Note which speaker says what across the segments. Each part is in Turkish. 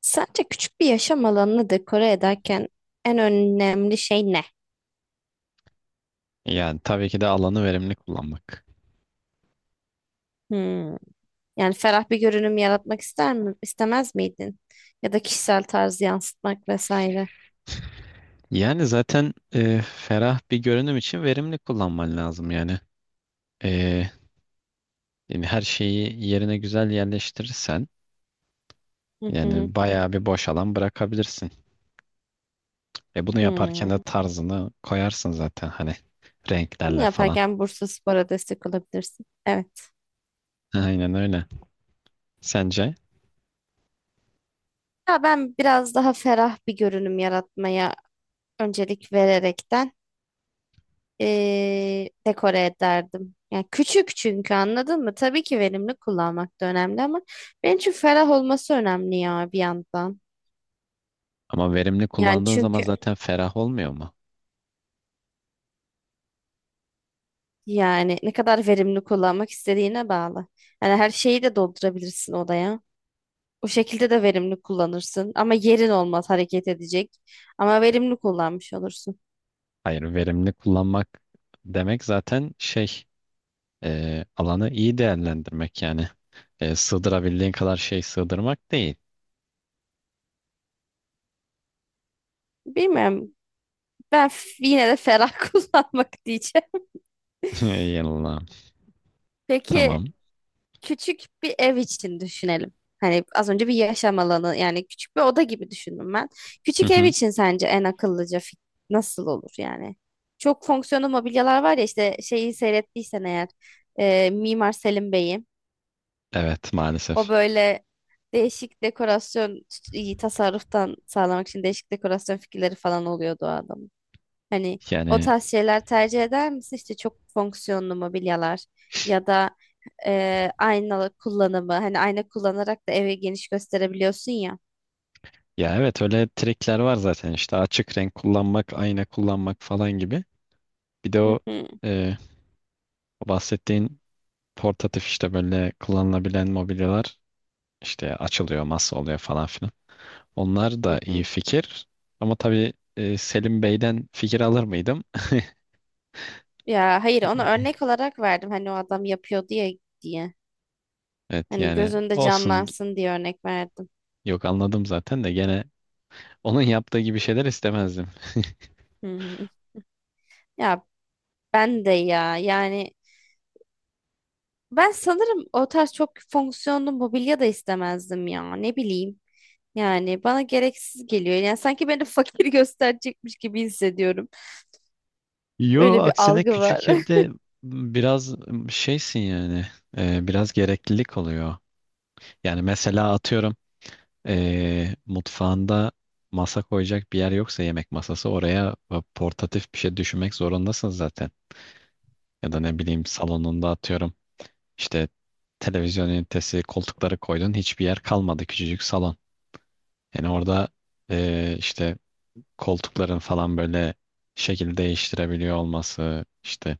Speaker 1: Sence küçük bir yaşam alanını dekore ederken en önemli şey ne?
Speaker 2: Yani tabii ki de alanı verimli kullanmak.
Speaker 1: Hmm. Yani ferah bir görünüm yaratmak ister mi, istemez miydin? Ya da kişisel tarzı yansıtmak vesaire.
Speaker 2: Yani zaten ferah bir görünüm için verimli kullanman lazım yani. E, yani her şeyi yerine güzel yerleştirirsen
Speaker 1: Hı hı.
Speaker 2: yani bayağı bir boş alan bırakabilirsin. Bunu
Speaker 1: Hmm.
Speaker 2: yaparken de tarzını koyarsın zaten hani
Speaker 1: Bunu
Speaker 2: renklerle falan.
Speaker 1: yaparken Bursaspor'a destek olabilirsin. Evet.
Speaker 2: Aynen öyle. Sence?
Speaker 1: Ya ben biraz daha ferah bir görünüm yaratmaya öncelik vererekten dekore ederdim. Yani küçük çünkü anladın mı? Tabii ki verimli kullanmak da önemli ama benim için ferah olması önemli ya bir yandan.
Speaker 2: Ama verimli
Speaker 1: Yani
Speaker 2: kullandığın zaman
Speaker 1: çünkü
Speaker 2: zaten ferah olmuyor mu?
Speaker 1: yani ne kadar verimli kullanmak istediğine bağlı. Yani her şeyi de doldurabilirsin odaya. O şekilde de verimli kullanırsın. Ama yerin olmaz hareket edecek. Ama verimli kullanmış olursun.
Speaker 2: Hayır, verimli kullanmak demek zaten şey alanı iyi değerlendirmek yani. E, sığdırabildiğin kadar şey sığdırmak değil.
Speaker 1: Bilmiyorum. Ben f- yine de ferah kullanmak diyeceğim.
Speaker 2: Yanılmam.
Speaker 1: Peki
Speaker 2: Tamam.
Speaker 1: küçük bir ev için düşünelim. Hani az önce bir yaşam alanı yani küçük bir oda gibi düşündüm ben.
Speaker 2: Hı
Speaker 1: Küçük ev
Speaker 2: hı.
Speaker 1: için sence en akıllıca fik- nasıl olur yani? Çok fonksiyonlu mobilyalar var ya işte şeyi seyrettiysen eğer Mimar Selim Bey'in
Speaker 2: Evet
Speaker 1: o
Speaker 2: maalesef.
Speaker 1: böyle değişik dekorasyon tasarruftan sağlamak için değişik dekorasyon fikirleri falan oluyordu o adamın. Hani o
Speaker 2: Yani
Speaker 1: tarz şeyler tercih eder misin? İşte çok fonksiyonlu mobilyalar ya da aynalı kullanımı. Hani ayna kullanarak da evi geniş gösterebiliyorsun ya.
Speaker 2: ya evet öyle trikler var zaten işte açık renk kullanmak, ayna kullanmak falan gibi. Bir de o,
Speaker 1: Hı hı,
Speaker 2: e, o bahsettiğin portatif işte böyle kullanılabilen mobilyalar işte açılıyor, masa oluyor falan filan. Onlar
Speaker 1: hı
Speaker 2: da iyi
Speaker 1: hı.
Speaker 2: fikir. Ama tabii Selim Bey'den fikir alır mıydım?
Speaker 1: Ya hayır onu örnek olarak verdim. Hani o adam yapıyor diye diye.
Speaker 2: Evet
Speaker 1: Hani
Speaker 2: yani
Speaker 1: göz önünde
Speaker 2: olsun.
Speaker 1: canlansın diye örnek verdim.
Speaker 2: Yok, anladım zaten de gene onun yaptığı gibi şeyler istemezdim.
Speaker 1: Hı hı. Ya ben de ya yani ben sanırım o tarz çok fonksiyonlu mobilya da istemezdim ya. Ne bileyim. Yani bana gereksiz geliyor. Yani sanki beni fakir gösterecekmiş gibi hissediyorum.
Speaker 2: Yo,
Speaker 1: Öyle bir
Speaker 2: aksine
Speaker 1: algı var.
Speaker 2: küçük evde biraz şeysin yani biraz gereklilik oluyor. Yani mesela atıyorum mutfağında masa koyacak bir yer yoksa yemek masası oraya portatif bir şey düşünmek zorundasın zaten. Ya da ne bileyim salonunda atıyorum. İşte televizyon ünitesi, koltukları koydun. Hiçbir yer kalmadı küçücük salon. Yani orada işte koltukların falan böyle şekil değiştirebiliyor olması, işte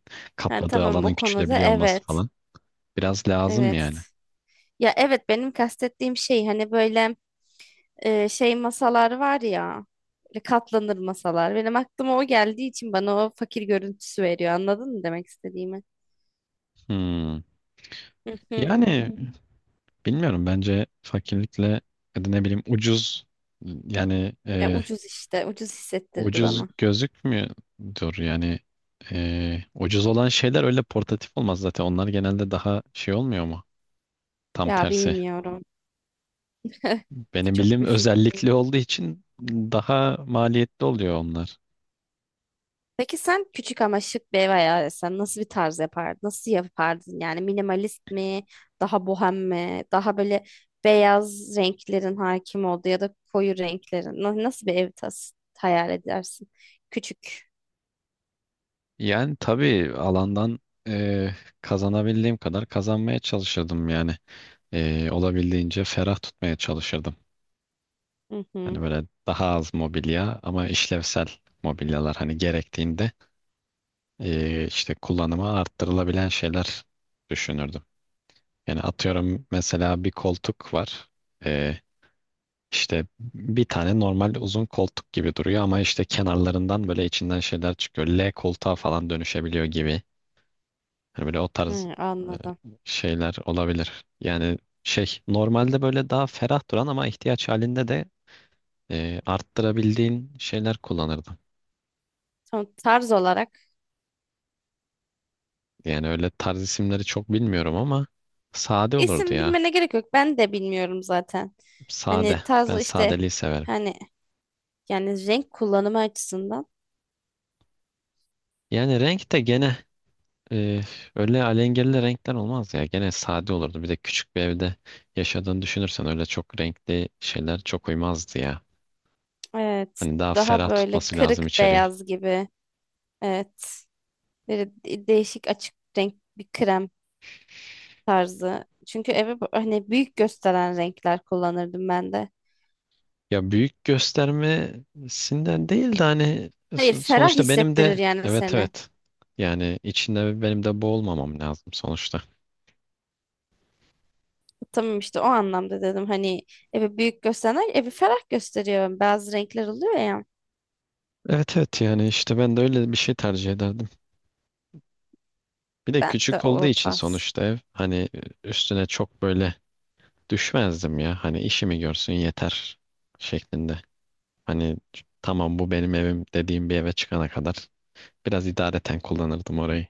Speaker 1: Ha,
Speaker 2: kapladığı
Speaker 1: tamam
Speaker 2: alanın
Speaker 1: o konuda
Speaker 2: küçülebiliyor olması
Speaker 1: evet.
Speaker 2: falan biraz lazım
Speaker 1: Evet.
Speaker 2: yani.
Speaker 1: Ya evet benim kastettiğim şey hani böyle şey masalar var ya. Böyle katlanır masalar. Benim aklıma o geldiği için bana o fakir görüntüsü veriyor. Anladın mı demek istediğimi?
Speaker 2: Hmm.
Speaker 1: Hı hı.
Speaker 2: Yani bilmiyorum, bence fakirlikle ya da ne bileyim ucuz yani.
Speaker 1: E, ucuz işte. Ucuz hissettirdi
Speaker 2: Ucuz
Speaker 1: bana.
Speaker 2: gözükmüyordur yani ucuz olan şeyler öyle portatif olmaz zaten, onlar genelde daha şey olmuyor mu? Tam
Speaker 1: Ya
Speaker 2: tersi.
Speaker 1: bilmiyorum.
Speaker 2: Benim
Speaker 1: Çok
Speaker 2: bildiğim
Speaker 1: bir fikrim.
Speaker 2: özellikli olduğu için daha maliyetli oluyor onlar.
Speaker 1: Peki sen küçük ama şık bir ev hayal etsen nasıl bir tarz yapardın? Nasıl yapardın? Yani minimalist mi? Daha bohem mi? Daha böyle beyaz renklerin hakim olduğu ya da koyu renklerin. Na- Nasıl bir ev tas hayal edersin? Küçük.
Speaker 2: Yani tabii alandan eee, kazanabildiğim kadar kazanmaya çalışırdım yani. Olabildiğince ferah tutmaya çalışırdım.
Speaker 1: Hı
Speaker 2: Hani
Speaker 1: hı.
Speaker 2: böyle daha az mobilya ama işlevsel mobilyalar, hani gerektiğinde işte kullanıma arttırılabilen şeyler düşünürdüm. Yani atıyorum mesela bir koltuk var. Ee, işte bir tane normal uzun koltuk gibi duruyor ama işte kenarlarından böyle içinden şeyler çıkıyor. L koltuğa falan dönüşebiliyor gibi. Hani böyle o tarz
Speaker 1: Hı,
Speaker 2: e,
Speaker 1: anladım.
Speaker 2: şeyler olabilir. Yani şey, normalde böyle daha ferah duran ama ihtiyaç halinde de arttırabildiğin şeyler kullanırdım.
Speaker 1: Tamam, tarz olarak.
Speaker 2: Yani öyle tarz isimleri çok bilmiyorum ama sade olurdu
Speaker 1: İsim
Speaker 2: ya.
Speaker 1: bilmene gerek yok. Ben de bilmiyorum zaten.
Speaker 2: Sade.
Speaker 1: Hani
Speaker 2: Ben
Speaker 1: tarz işte
Speaker 2: sadeliği severim.
Speaker 1: hani yani renk kullanımı açısından.
Speaker 2: Yani renk de gene Ee, öyle alengirli renkler olmaz ya. Gene sade olurdu. Bir de küçük bir evde yaşadığını düşünürsen öyle çok renkli şeyler çok uymazdı ya.
Speaker 1: Evet.
Speaker 2: Hani daha
Speaker 1: Daha
Speaker 2: ferah
Speaker 1: böyle
Speaker 2: tutması lazım
Speaker 1: kırık
Speaker 2: içeriği.
Speaker 1: beyaz gibi. Evet. Böyle de- değişik açık renk bir krem tarzı. Çünkü eve bu- hani büyük gösteren renkler kullanırdım ben de.
Speaker 2: Ya büyük göstermesinden değil de hani
Speaker 1: Hayır, ferah
Speaker 2: sonuçta benim
Speaker 1: hissettirir
Speaker 2: de
Speaker 1: yani
Speaker 2: evet,
Speaker 1: seni.
Speaker 2: evet. Yani içinde benim de boğulmamam lazım sonuçta.
Speaker 1: Tamam işte o anlamda dedim. Hani evi büyük gösteren evi ferah gösteriyor. Bazı renkler oluyor ya.
Speaker 2: Evet, evet, yani işte ben de öyle bir şey tercih ederdim. Bir de
Speaker 1: Ben de
Speaker 2: küçük olduğu
Speaker 1: o
Speaker 2: için
Speaker 1: tarz.
Speaker 2: sonuçta ev hani üstüne çok böyle düşmezdim ya. Hani işimi görsün yeter şeklinde. Hani tamam, bu benim evim dediğim bir eve çıkana kadar biraz idareten kullanırdım orayı.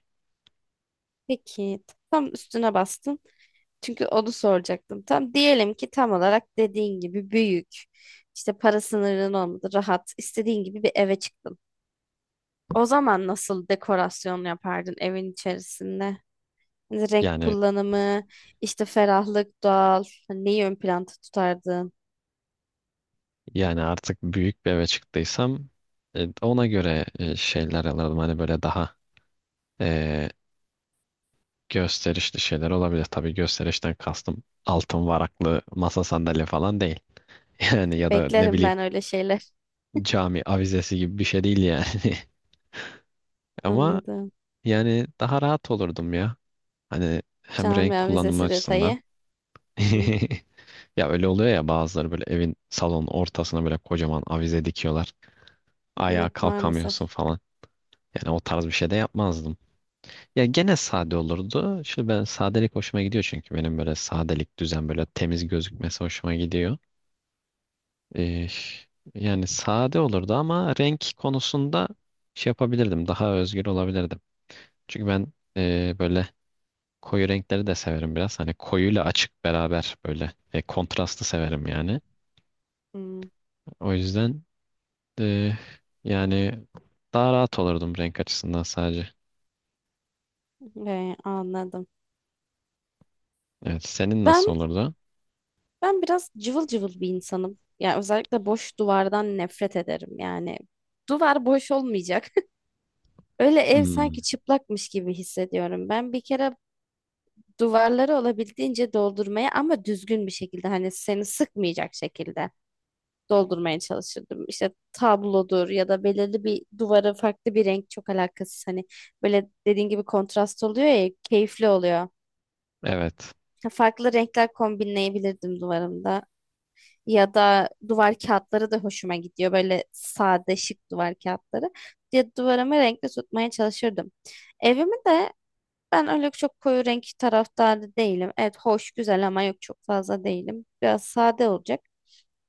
Speaker 1: Peki tam üstüne bastın. Çünkü onu soracaktım. Tam diyelim ki tam olarak dediğin gibi büyük. İşte para sınırın olmadı, rahat, istediğin gibi bir eve çıktın. O zaman nasıl dekorasyon yapardın evin içerisinde? Hani renk
Speaker 2: Yani
Speaker 1: kullanımı, işte ferahlık, doğal. Hani neyi ön planda tutardın?
Speaker 2: yani artık büyük bir eve çıktıysam ona göre şeyler alırdım. Hani böyle daha e, gösterişli şeyler olabilir. Tabii gösterişten kastım altın varaklı masa sandalye falan değil. Yani ya da ne
Speaker 1: Beklerim
Speaker 2: bileyim,
Speaker 1: ben öyle şeyler.
Speaker 2: cami avizesi gibi bir şey değil yani. Ama
Speaker 1: Anladım.
Speaker 2: yani daha rahat olurdum ya. Hani hem renk
Speaker 1: Camia
Speaker 2: kullanımı
Speaker 1: vizesi
Speaker 2: açısından.
Speaker 1: detayı. Hı hı.
Speaker 2: Ya öyle oluyor ya, bazıları böyle evin salonun ortasına böyle kocaman avize dikiyorlar. Ayağa
Speaker 1: Evet
Speaker 2: kalkamıyorsun
Speaker 1: maalesef.
Speaker 2: falan. Yani o tarz bir şey de yapmazdım. Ya gene sade olurdu. Şimdi ben sadelik hoşuma gidiyor çünkü benim böyle sadelik düzen böyle temiz gözükmesi hoşuma gidiyor. Ee, Yani sade olurdu ama renk konusunda şey yapabilirdim. Daha özgür olabilirdim. Çünkü ben böyle koyu renkleri de severim biraz. Hani koyuyla açık beraber böyle kontrastı severim yani.
Speaker 1: Hmm,
Speaker 2: O yüzden e, yani daha rahat olurdum renk açısından sadece.
Speaker 1: anladım.
Speaker 2: Evet, senin nasıl
Speaker 1: Ben
Speaker 2: olurdu?
Speaker 1: ben biraz cıvıl cıvıl bir insanım. Yani özellikle boş duvardan nefret ederim. Yani duvar boş olmayacak. Öyle ev sanki
Speaker 2: Hmm.
Speaker 1: çıplakmış gibi hissediyorum. Ben bir kere duvarları olabildiğince doldurmaya ama düzgün bir şekilde hani seni sıkmayacak şekilde doldurmaya çalışırdım. İşte tablodur ya da belirli bir duvara farklı bir renk çok alakasız. Hani böyle dediğin gibi kontrast oluyor ya keyifli oluyor.
Speaker 2: Evet.
Speaker 1: Farklı renkler kombinleyebilirdim duvarımda. Ya da duvar kağıtları da hoşuma gidiyor. Böyle sade şık duvar kağıtları. Ya duvarımı renkli tutmaya çalışırdım. Evimi de ben öyle çok koyu renk taraftarı değilim. Evet hoş güzel ama yok çok fazla değilim. Biraz sade olacak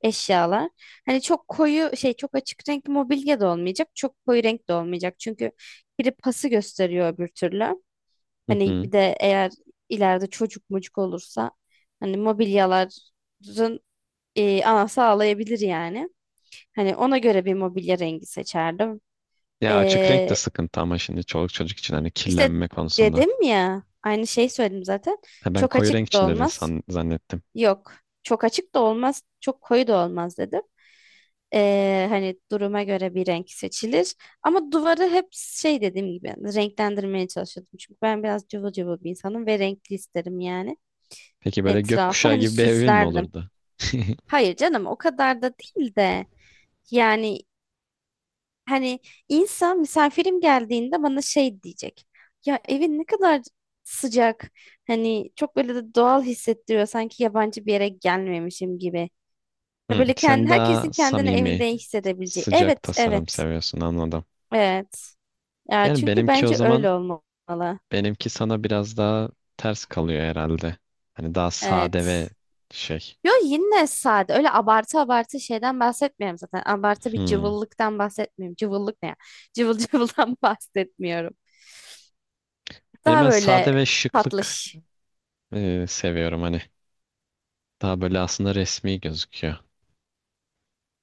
Speaker 1: eşyalar. Hani çok koyu şey çok açık renk mobilya da olmayacak. Çok koyu renk de olmayacak. Çünkü biri pası gösteriyor öbür türlü.
Speaker 2: Hı
Speaker 1: Hani
Speaker 2: hı.
Speaker 1: bir de eğer ileride çocuk mucuk olursa hani mobilyaların anası ağlayabilir yani. Hani ona göre bir mobilya rengi seçerdim.
Speaker 2: Ya açık renk de
Speaker 1: Ee,
Speaker 2: sıkıntı ama şimdi çoluk çocuk için hani
Speaker 1: işte
Speaker 2: kirlenme konusunda.
Speaker 1: dedim ya aynı şeyi söyledim zaten.
Speaker 2: Ha, ben
Speaker 1: Çok
Speaker 2: koyu renk
Speaker 1: açık
Speaker 2: için
Speaker 1: da
Speaker 2: dedin
Speaker 1: olmaz.
Speaker 2: zannettim.
Speaker 1: Yok. Çok açık da olmaz, çok koyu da olmaz dedim. Hani duruma göre bir renk seçilir. Ama duvarı hep şey dediğim gibi yani renklendirmeye çalışıyordum. Çünkü ben biraz cıvıl cıvıl bir insanım ve renkli isterim yani
Speaker 2: Peki böyle
Speaker 1: etrafı.
Speaker 2: gökkuşağı
Speaker 1: Hani
Speaker 2: gibi bir evin mi
Speaker 1: süslerdim.
Speaker 2: olurdu?
Speaker 1: Hayır canım o kadar da değil de yani hani insan misafirim geldiğinde bana şey diyecek. Ya evin ne kadar sıcak. Hani çok böyle de doğal hissettiriyor. Sanki yabancı bir yere gelmemişim gibi. Ya
Speaker 2: Hı,
Speaker 1: böyle kendi,
Speaker 2: sen daha
Speaker 1: herkesin kendini
Speaker 2: samimi,
Speaker 1: evinde iyi hissedebileceği.
Speaker 2: sıcak
Speaker 1: Evet,
Speaker 2: tasarım
Speaker 1: evet,
Speaker 2: seviyorsun, anladım.
Speaker 1: evet. Ya
Speaker 2: Yani
Speaker 1: çünkü
Speaker 2: benimki o
Speaker 1: bence
Speaker 2: zaman
Speaker 1: öyle olmalı.
Speaker 2: benimki sana biraz daha ters kalıyor herhalde. Hani daha sade ve
Speaker 1: Evet.
Speaker 2: şey.
Speaker 1: Yo yine sade. Öyle abartı abartı şeyden bahsetmiyorum zaten. Abartı bir
Speaker 2: Hmm.
Speaker 1: cıvıllıktan bahsetmiyorum. Cıvıllık ne ya? Cıvıl cıvıldan bahsetmiyorum.
Speaker 2: Yani
Speaker 1: Daha
Speaker 2: ben
Speaker 1: böyle
Speaker 2: sade ve şıklık
Speaker 1: tatlış.
Speaker 2: seviyorum hani. Daha böyle aslında resmi gözüküyor.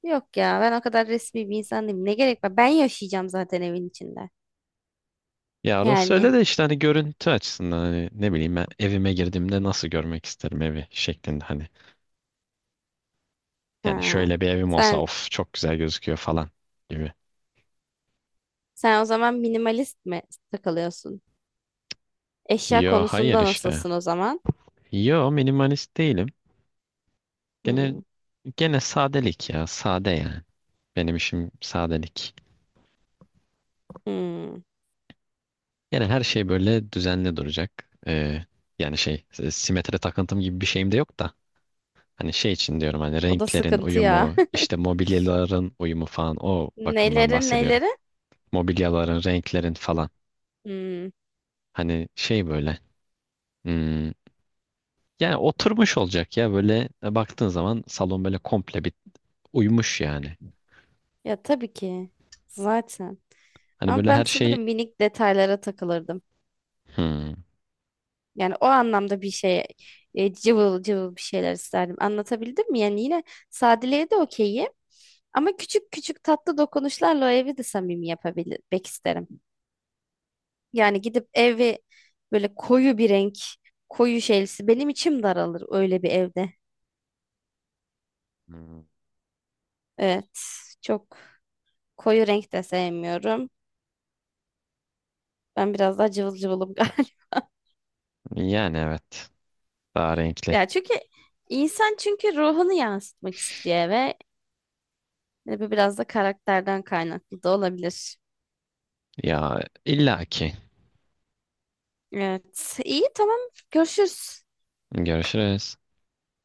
Speaker 1: Yok ya ben o kadar resmi bir insan değilim. Ne gerek var? Ben yaşayacağım zaten evin içinde.
Speaker 2: Ya orası öyle
Speaker 1: Yani.
Speaker 2: de işte hani görüntü açısından hani ne bileyim, ben evime girdiğimde nasıl görmek isterim evi şeklinde hani. Yani
Speaker 1: Ha.
Speaker 2: şöyle bir evim olsa
Speaker 1: Sen
Speaker 2: of çok güzel gözüküyor falan gibi.
Speaker 1: sen o zaman minimalist mi takılıyorsun? Eşya
Speaker 2: Yo hayır
Speaker 1: konusunda
Speaker 2: işte.
Speaker 1: nasılsın o zaman?
Speaker 2: Yo minimalist değilim. Gene
Speaker 1: Hmm,
Speaker 2: gene sadelik ya, sade yani. Benim işim sadelik.
Speaker 1: hmm.
Speaker 2: Yani her şey böyle düzenli duracak. Yani şey, simetri takıntım gibi bir şeyim de yok da. Hani şey için diyorum, hani
Speaker 1: O da
Speaker 2: renklerin
Speaker 1: sıkıntı ya.
Speaker 2: uyumu, işte mobilyaların uyumu falan, o bakımdan
Speaker 1: Neleri
Speaker 2: bahsediyorum.
Speaker 1: neleri?
Speaker 2: Mobilyaların, renklerin falan.
Speaker 1: Hmm.
Speaker 2: Hani şey böyle. Hmm, yani oturmuş olacak ya, böyle baktığın zaman salon böyle komple bir uyumuş yani.
Speaker 1: Ya tabii ki. Zaten.
Speaker 2: Hani
Speaker 1: Ama
Speaker 2: böyle
Speaker 1: ben
Speaker 2: her şey.
Speaker 1: sanırım minik detaylara takılırdım.
Speaker 2: Hmm,
Speaker 1: Yani o anlamda bir şey cıvıl cıvıl bir şeyler isterdim. Anlatabildim mi? Yani yine sadeliğe de okeyim. Ama küçük küçük tatlı dokunuşlarla o evi de samimi yapabilmek isterim. Yani gidip evi böyle koyu bir renk, koyu şeylisi. Benim içim daralır öyle bir evde. Evet, çok. Koyu renk de sevmiyorum. Ben biraz daha cıvıl cıvılım galiba.
Speaker 2: yani evet, daha renkli.
Speaker 1: Ya çünkü insan çünkü ruhunu yansıtmak istiyor ve bu biraz da karakterden kaynaklı da olabilir.
Speaker 2: Ya illaki.
Speaker 1: Evet. İyi tamam. Görüşürüz.
Speaker 2: Görüşürüz.